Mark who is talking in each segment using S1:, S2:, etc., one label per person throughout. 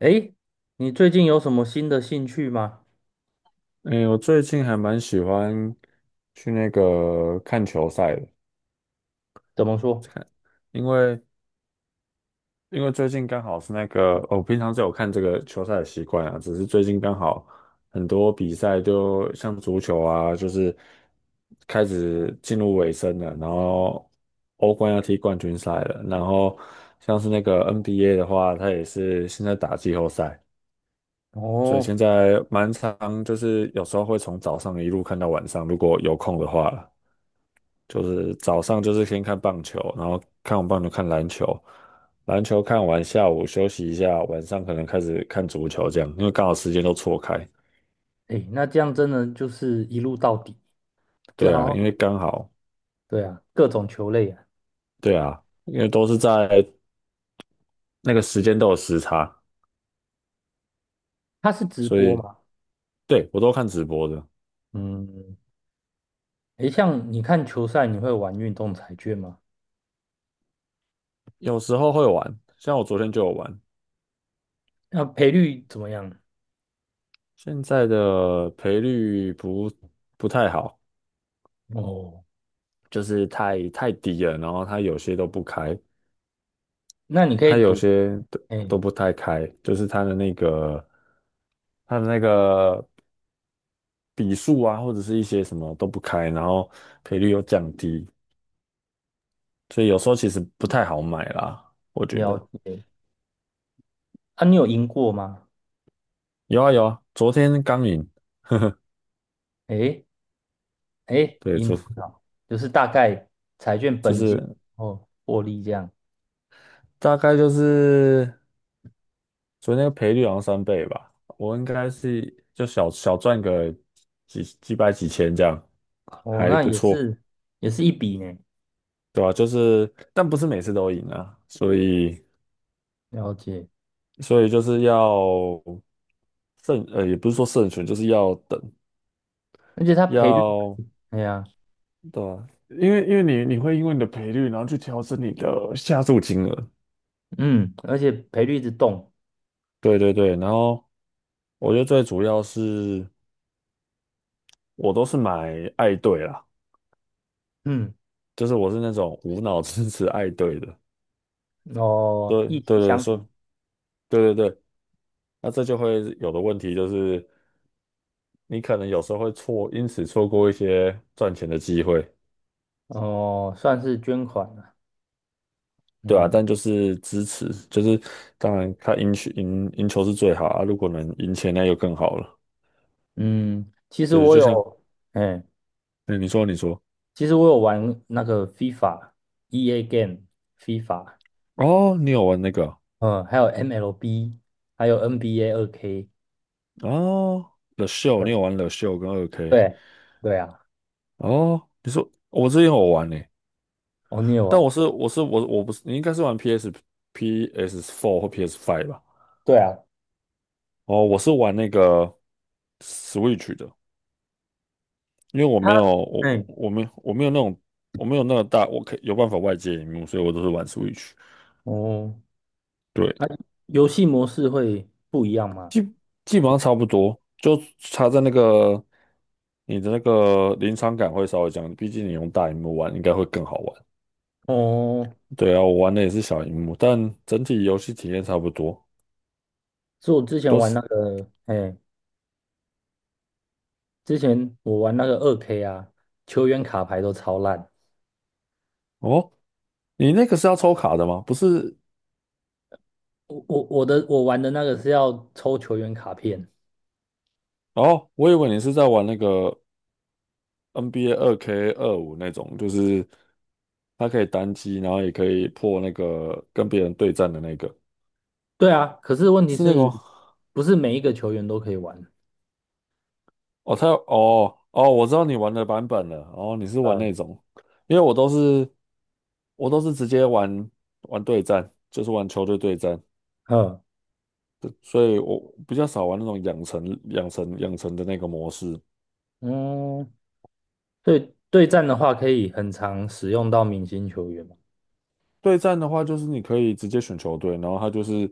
S1: 诶，你最近有什么新的兴趣吗？
S2: 诶，我最近还蛮喜欢去那个看球赛的，
S1: 怎么说？
S2: 因为最近刚好是那个，哦我平常就有看这个球赛的习惯啊，只是最近刚好很多比赛就像足球啊，就是开始进入尾声了，然后欧冠要踢冠军赛了，然后像是那个 NBA 的话，它也是现在打季后赛，所以
S1: 哦，
S2: 现在蛮常就是有时候会从早上一路看到晚上，如果有空的话啦就是早上就是先看棒球，然后看完棒球看篮球，篮球看完下午休息一下，晚上可能开始看足球这样，因为刚好时间都错开。
S1: 诶，那这样真的就是一路到底，然
S2: 对啊，因为
S1: 后
S2: 刚好，
S1: 对啊，各种球类啊，
S2: 对啊，因为都是在那个时间都有时差，
S1: 它是直
S2: 所
S1: 播
S2: 以
S1: 嘛？
S2: 对我都看直播的。
S1: 嗯，诶，像你看球赛，你会玩运动彩券吗？
S2: 有时候会玩，像我昨天就有玩。
S1: 那赔率怎么样？
S2: 现在的赔率不太好，
S1: 哦，
S2: 就是太低了，然后它有些都不开，
S1: 那你可以
S2: 它有
S1: 赌，
S2: 些都
S1: 哎，
S2: 都不太开，就是它的那个笔数啊，或者是一些什么都不开，然后赔率又降低，所以有时候其实不太好买啦，我觉
S1: 了
S2: 得。
S1: 解。啊，你有赢过吗？
S2: 有啊有啊，昨天刚赢。
S1: 哎，哎，
S2: 对，
S1: 赢多少？就是大概彩券
S2: 就
S1: 本金
S2: 是
S1: 哦，获利这样。
S2: 大概就是昨天赔率好像3倍吧，我应该是就小小赚个几百几千这样，
S1: 哦，
S2: 还
S1: 那
S2: 不
S1: 也
S2: 错。
S1: 是也是一笔呢。
S2: 对吧、就是但不是每次都赢啊，所以。
S1: 了解，
S2: 所以就是要慎，也不是说慎选，就是要等，
S1: 而且它赔率，
S2: 要
S1: 哎呀，
S2: 对吧？因为你会因为你的赔率，然后去调整你的下注金额。
S1: 嗯，而且赔率一直动，
S2: 对对对，然后我觉得最主要是我都是买爱队啦，
S1: 嗯，
S2: 就是我是那种无脑支持爱队的。
S1: 哦，
S2: 对
S1: 一
S2: 对
S1: 气
S2: 对，
S1: 相挺，
S2: 说对对对，那这就会有的问题就是你可能有时候会错，因此错过一些赚钱的机会。
S1: 哦，算是捐款了，
S2: 对啊，
S1: 嗯
S2: 但就是支持，就是当然他赢球是最好啊，如果能赢钱那就更好了。
S1: 嗯，其实
S2: 对，
S1: 我
S2: 就像
S1: 有，哎，
S2: 嗯，你说
S1: 其实我有玩那个 FIFA、EA Game、FIFA，
S2: 哦，你有玩那个
S1: 嗯，还有 MLB，还有 NBA 二 k
S2: 哦，The Show，你有
S1: 对
S2: 玩 The Show 跟二 K。
S1: 对对啊，
S2: 哦，你说我之前有玩呢、
S1: 哦，你有
S2: 但
S1: 玩？
S2: 我不是你应该是玩 PS Four 或 PS Five 吧？
S1: 对啊，
S2: 哦，我是玩那个 Switch 的，因为我
S1: 它，
S2: 没有我
S1: 哎，
S2: 我我没有我没有那种我没有那个大我可以有办法外接荧幕，所以我都是玩 Switch。
S1: 哦，
S2: 对，
S1: 它游戏模式会不一样吗？
S2: 基本上差不多，就差在那个你的那个临场感会稍微降低，毕竟你用大荧幕玩应该会更好玩。
S1: 哦。
S2: 对啊，我玩的也是小荧幕，但整体游戏体验差不多，
S1: 是我之前
S2: 都
S1: 玩
S2: 是
S1: 那个，哎，之前我玩那个二 K 啊，球员卡牌都超烂。
S2: 哦。你那个是要抽卡的吗？不是
S1: 我玩的那个是要抽球员卡片，
S2: 哦，我以为你是在玩那个 NBA 2K25那种，就是它可以单机，然后也可以破那个跟别人对战的那个，
S1: 对啊，可是问题
S2: 是那个
S1: 是，
S2: 吗？
S1: 不是每一个球员都可以玩？
S2: 哦，他有哦哦，我知道你玩的版本了。哦，你是玩
S1: 嗯
S2: 那种，因为我都是直接玩对战，就是玩球队对战。
S1: 嗯
S2: 对，所以我比较少玩那种养成的那个模式。
S1: 嗯，对对战的话，可以很常使用到明星球员嘛。
S2: 对战的话，就是你可以直接选球队，然后他就是，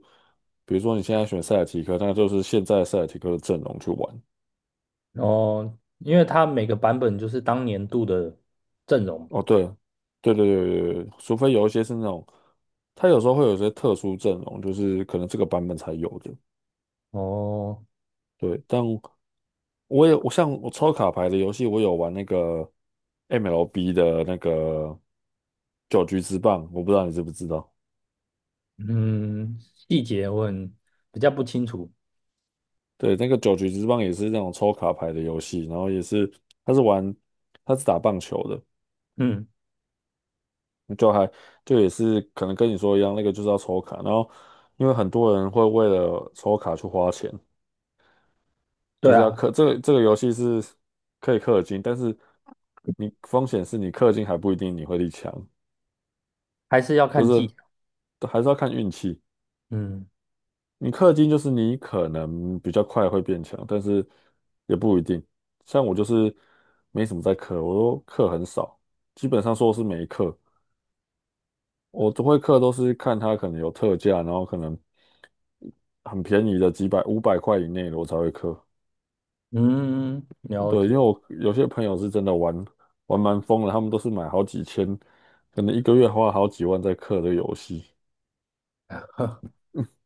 S2: 比如说你现在选塞尔提克，那就是现在塞尔提克的阵容去玩。
S1: 哦，因为它每个版本就是当年度的阵容。
S2: 哦，对，对对对对对，除非有一些是那种，他有时候会有一些特殊阵容，就是可能这个版本才有的。
S1: 哦，
S2: 对，但我像我抽卡牌的游戏，我有玩那个 MLB 的那个九局之棒，我不知道你知不知道？
S1: 嗯，细节我很比较不清楚。
S2: 对，那个九局之棒也是那种抽卡牌的游戏，然后也是他是玩他是打棒球的。
S1: 嗯，
S2: 就还就也是可能跟你说一样，那个就是要抽卡，然后因为很多人会为了抽卡去花钱，就
S1: 对
S2: 是要
S1: 啊，
S2: 氪这个游戏是可以氪金，但是你风险是你氪金还不一定你会力强，
S1: 还是要
S2: 就
S1: 看
S2: 是
S1: 季。
S2: 都还是要看运气。
S1: 嗯
S2: 你氪金就是你可能比较快会变强，但是也不一定。像我就是没什么在氪，我都氪很少，基本上说是没氪。我都会氪都是看它可能有特价，然后可能很便宜的几百500块以内的我才会氪。
S1: 嗯，了
S2: 对，因为
S1: 解
S2: 我有些朋友是真的玩蛮疯了，他们都是买好几千，可能一个月花好几万在氪的游戏。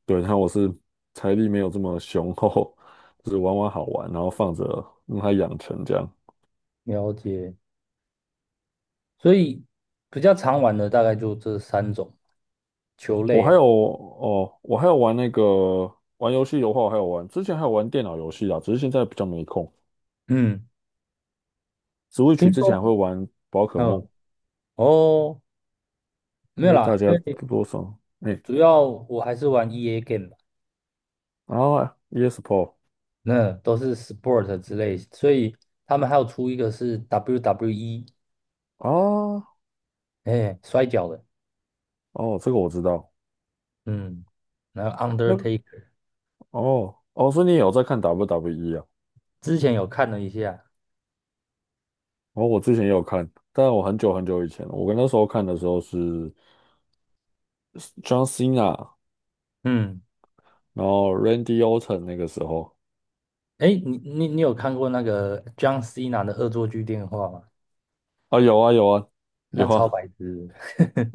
S2: 对，然后我是财力没有这么雄厚，就是玩玩好玩，然后放着让它养成这样。
S1: 了解，所以比较常玩的大概就这三种球
S2: 我
S1: 类
S2: 还
S1: 啊。
S2: 有哦，我还有玩那个玩游戏的话，我还有玩，之前还有玩电脑游戏啊，只是现在比较没空。
S1: 嗯，
S2: Switch
S1: 听
S2: 之前
S1: 说，
S2: 还会玩宝可梦，
S1: 嗯，哦，
S2: 应
S1: 没有
S2: 该
S1: 啦，
S2: 大
S1: 因
S2: 家
S1: 为
S2: 多多少哎，
S1: 主要我还是玩 EA game 吧，
S2: 然后 ESPO
S1: 那都是 sport 之类，所以他们还有出一个是 WWE，
S2: 啊。
S1: 哎，摔跤的，
S2: 哦，这个我知道，
S1: 嗯，然后
S2: 那个
S1: Undertaker，
S2: 哦哦，所以你也有在看 WWE 啊？
S1: 之前有看了一下，
S2: 哦，我之前也有看，但我很久很久以前了，我跟那时候看的时候是 John Cena
S1: 嗯，
S2: 然后 Randy Orton 那个时候
S1: 哎，你有看过那个江西 h 的恶作剧电话吗？
S2: 啊，有啊有啊
S1: 那
S2: 有
S1: 超
S2: 啊，
S1: 白痴的，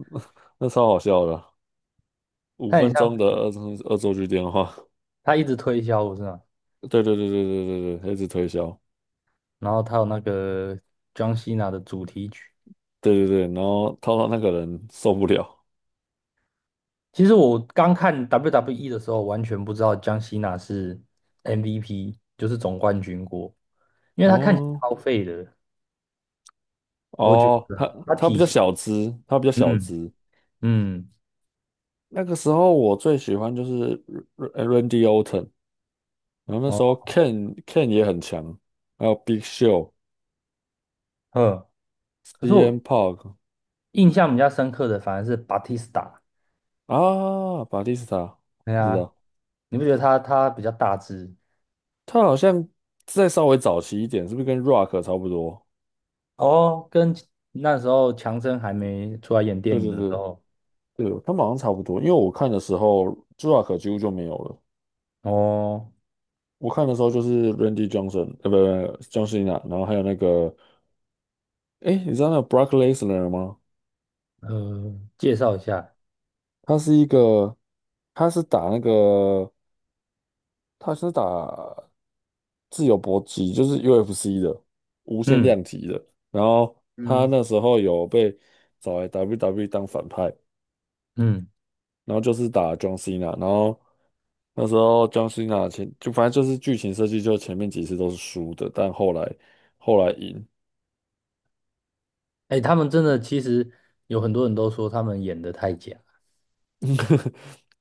S2: 那超好笑的啊五
S1: 他很
S2: 分
S1: 像
S2: 钟的
S1: 是
S2: 恶作剧电话。
S1: 他一直推销，不是吗？
S2: 对对对对对对对，他一直推销，
S1: 然后他有那个江 o 娜的主题曲。
S2: 对对对，然后套到那个人受不了。
S1: 其实我刚看 WWE 的时候，完全不知道江 o 娜是 MVP，就是总冠军过，因为他看起来
S2: 哦
S1: 超废的，我觉
S2: 哦，
S1: 得啊他
S2: 他
S1: 体
S2: 比较
S1: 型，
S2: 小资，他比较小
S1: 嗯
S2: 资。
S1: 嗯
S2: 那个时候我最喜欢就是 R- a n d y Orton，然后那时候
S1: 哦
S2: Ken 也很强，还有 Big Show、
S1: 呵，可是
S2: CM
S1: 我
S2: Punk
S1: 印象比较深刻的反而是 Batista，
S2: 啊，巴蒂斯塔，
S1: 对
S2: 不知
S1: 啊，
S2: 道。
S1: 你不觉得他比较大只？
S2: 他好像再稍微早期一点，是不是跟 Rock 差不多？
S1: 哦，跟那时候强森还没出来演电
S2: 对
S1: 影
S2: 对
S1: 的时
S2: 对
S1: 候。
S2: 对，他们好像差不多。因为我看的时候，Rock 几乎就没有了。
S1: 哦，
S2: 我看的时候就是 Randy Johnson，呃，不不，John Cena，然后还有那个，哎，你知道那个 Brock Lesnar 吗？
S1: 介绍一下，
S2: 他是一个，他是打那个，他是打自由搏击，就是 UFC 的无限
S1: 嗯
S2: 量级的。然后他
S1: 嗯，
S2: 那时候有被找来 WWE 当反派。
S1: 嗯，
S2: 然后就是打 John Cena，然后那时候 John Cena 前就反正就是剧情设计，就前面几次都是输的，但后来赢。
S1: 哎，他们真的其实有很多人都说他们演的太假，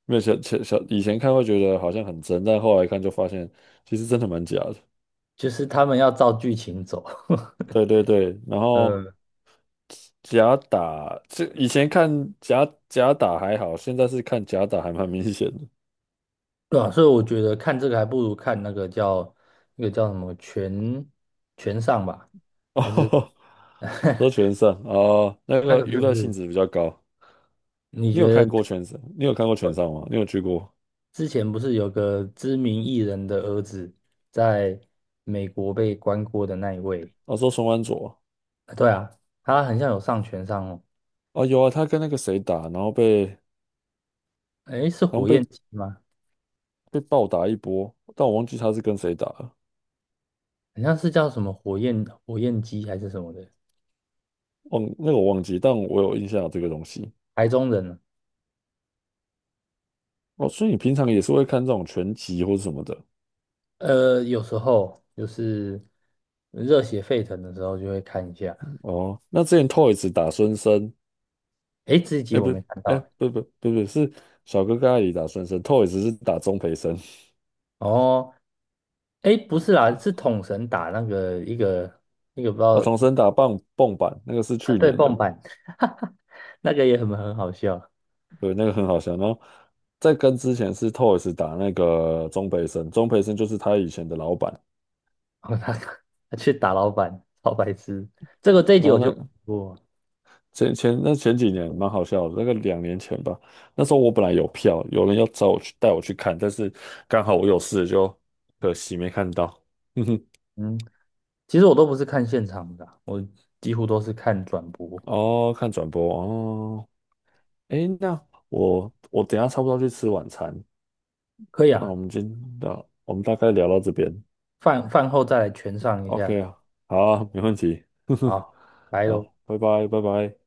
S2: 没有小前想以前看会觉得好像很真，但后来看就发现其实真的蛮假的。
S1: 就是他们要照剧情走，
S2: 对对 对，然后
S1: 呃，
S2: 假打，这以前看假打还好，现在是看假打还蛮明显的。
S1: 对啊，所以我觉得看这个还不如看那个叫什么全上吧，还是
S2: 哦，都 全上哦，那
S1: 那
S2: 个
S1: 个
S2: 娱
S1: 是不
S2: 乐性
S1: 是？
S2: 质比较高。
S1: 你
S2: 你有
S1: 觉得
S2: 看过全上？你有看过全
S1: 呃
S2: 上吗？你有去过？
S1: 之前不是有个知名艺人的儿子在美国被关过的那一位？
S2: 我说双安佐。
S1: 啊对啊，他很像有上全上哦。
S2: 哦，有啊，他跟那个谁打，然后被
S1: 哎，是
S2: 好像
S1: 火焰鸡吗？
S2: 被暴打一波，但我忘记他是跟谁打了，
S1: 好像是叫什么火焰鸡还是什么的，
S2: 忘那个我忘记，但我有印象有这个东西。
S1: 台中人啊。
S2: 哦，所以你平常也是会看这种拳击或是什么的
S1: 呃，有时候就是热血沸腾的时候就会看一下。
S2: 哦？那之前 Toys 打孙生，
S1: 哎，这一集
S2: 哎、
S1: 我
S2: 不，
S1: 没看到
S2: 哎、
S1: 诶。
S2: 不是小哥哥阿姨打孙生，Toys 是打钟培生。
S1: 哦，哎，不是啦，是统神打那个一个不知
S2: 哦，
S1: 道
S2: 童生打棒蹦板，那个是
S1: 啊，
S2: 去
S1: 对，
S2: 年的。
S1: 蹦板，那个也很好笑。
S2: 对，那个很好笑。然后之前是 Toys 打那个钟培生，钟培生就是他以前的老板。
S1: 哦，他去打老板，好白痴。这个这一集
S2: 然
S1: 我
S2: 后
S1: 就
S2: 那。
S1: 不，
S2: 前前那前几年蛮好笑的，那个2年前吧，那时候我本来有票，有人要找我去带我去看，但是刚好我有事，就可惜没看到。哼哼，
S1: 嗯，其实我都不是看现场的啊我几乎都是看转播。
S2: 哦，看转播哦。诶，那我等一下差不多要去吃晚餐，
S1: 可以
S2: 那
S1: 啊，
S2: 我们大概聊到这边
S1: 饭后再来全上一
S2: ，OK
S1: 下。
S2: 啊，好啊没问题。哼哼，
S1: 好，来喽。
S2: 好，拜拜，拜拜。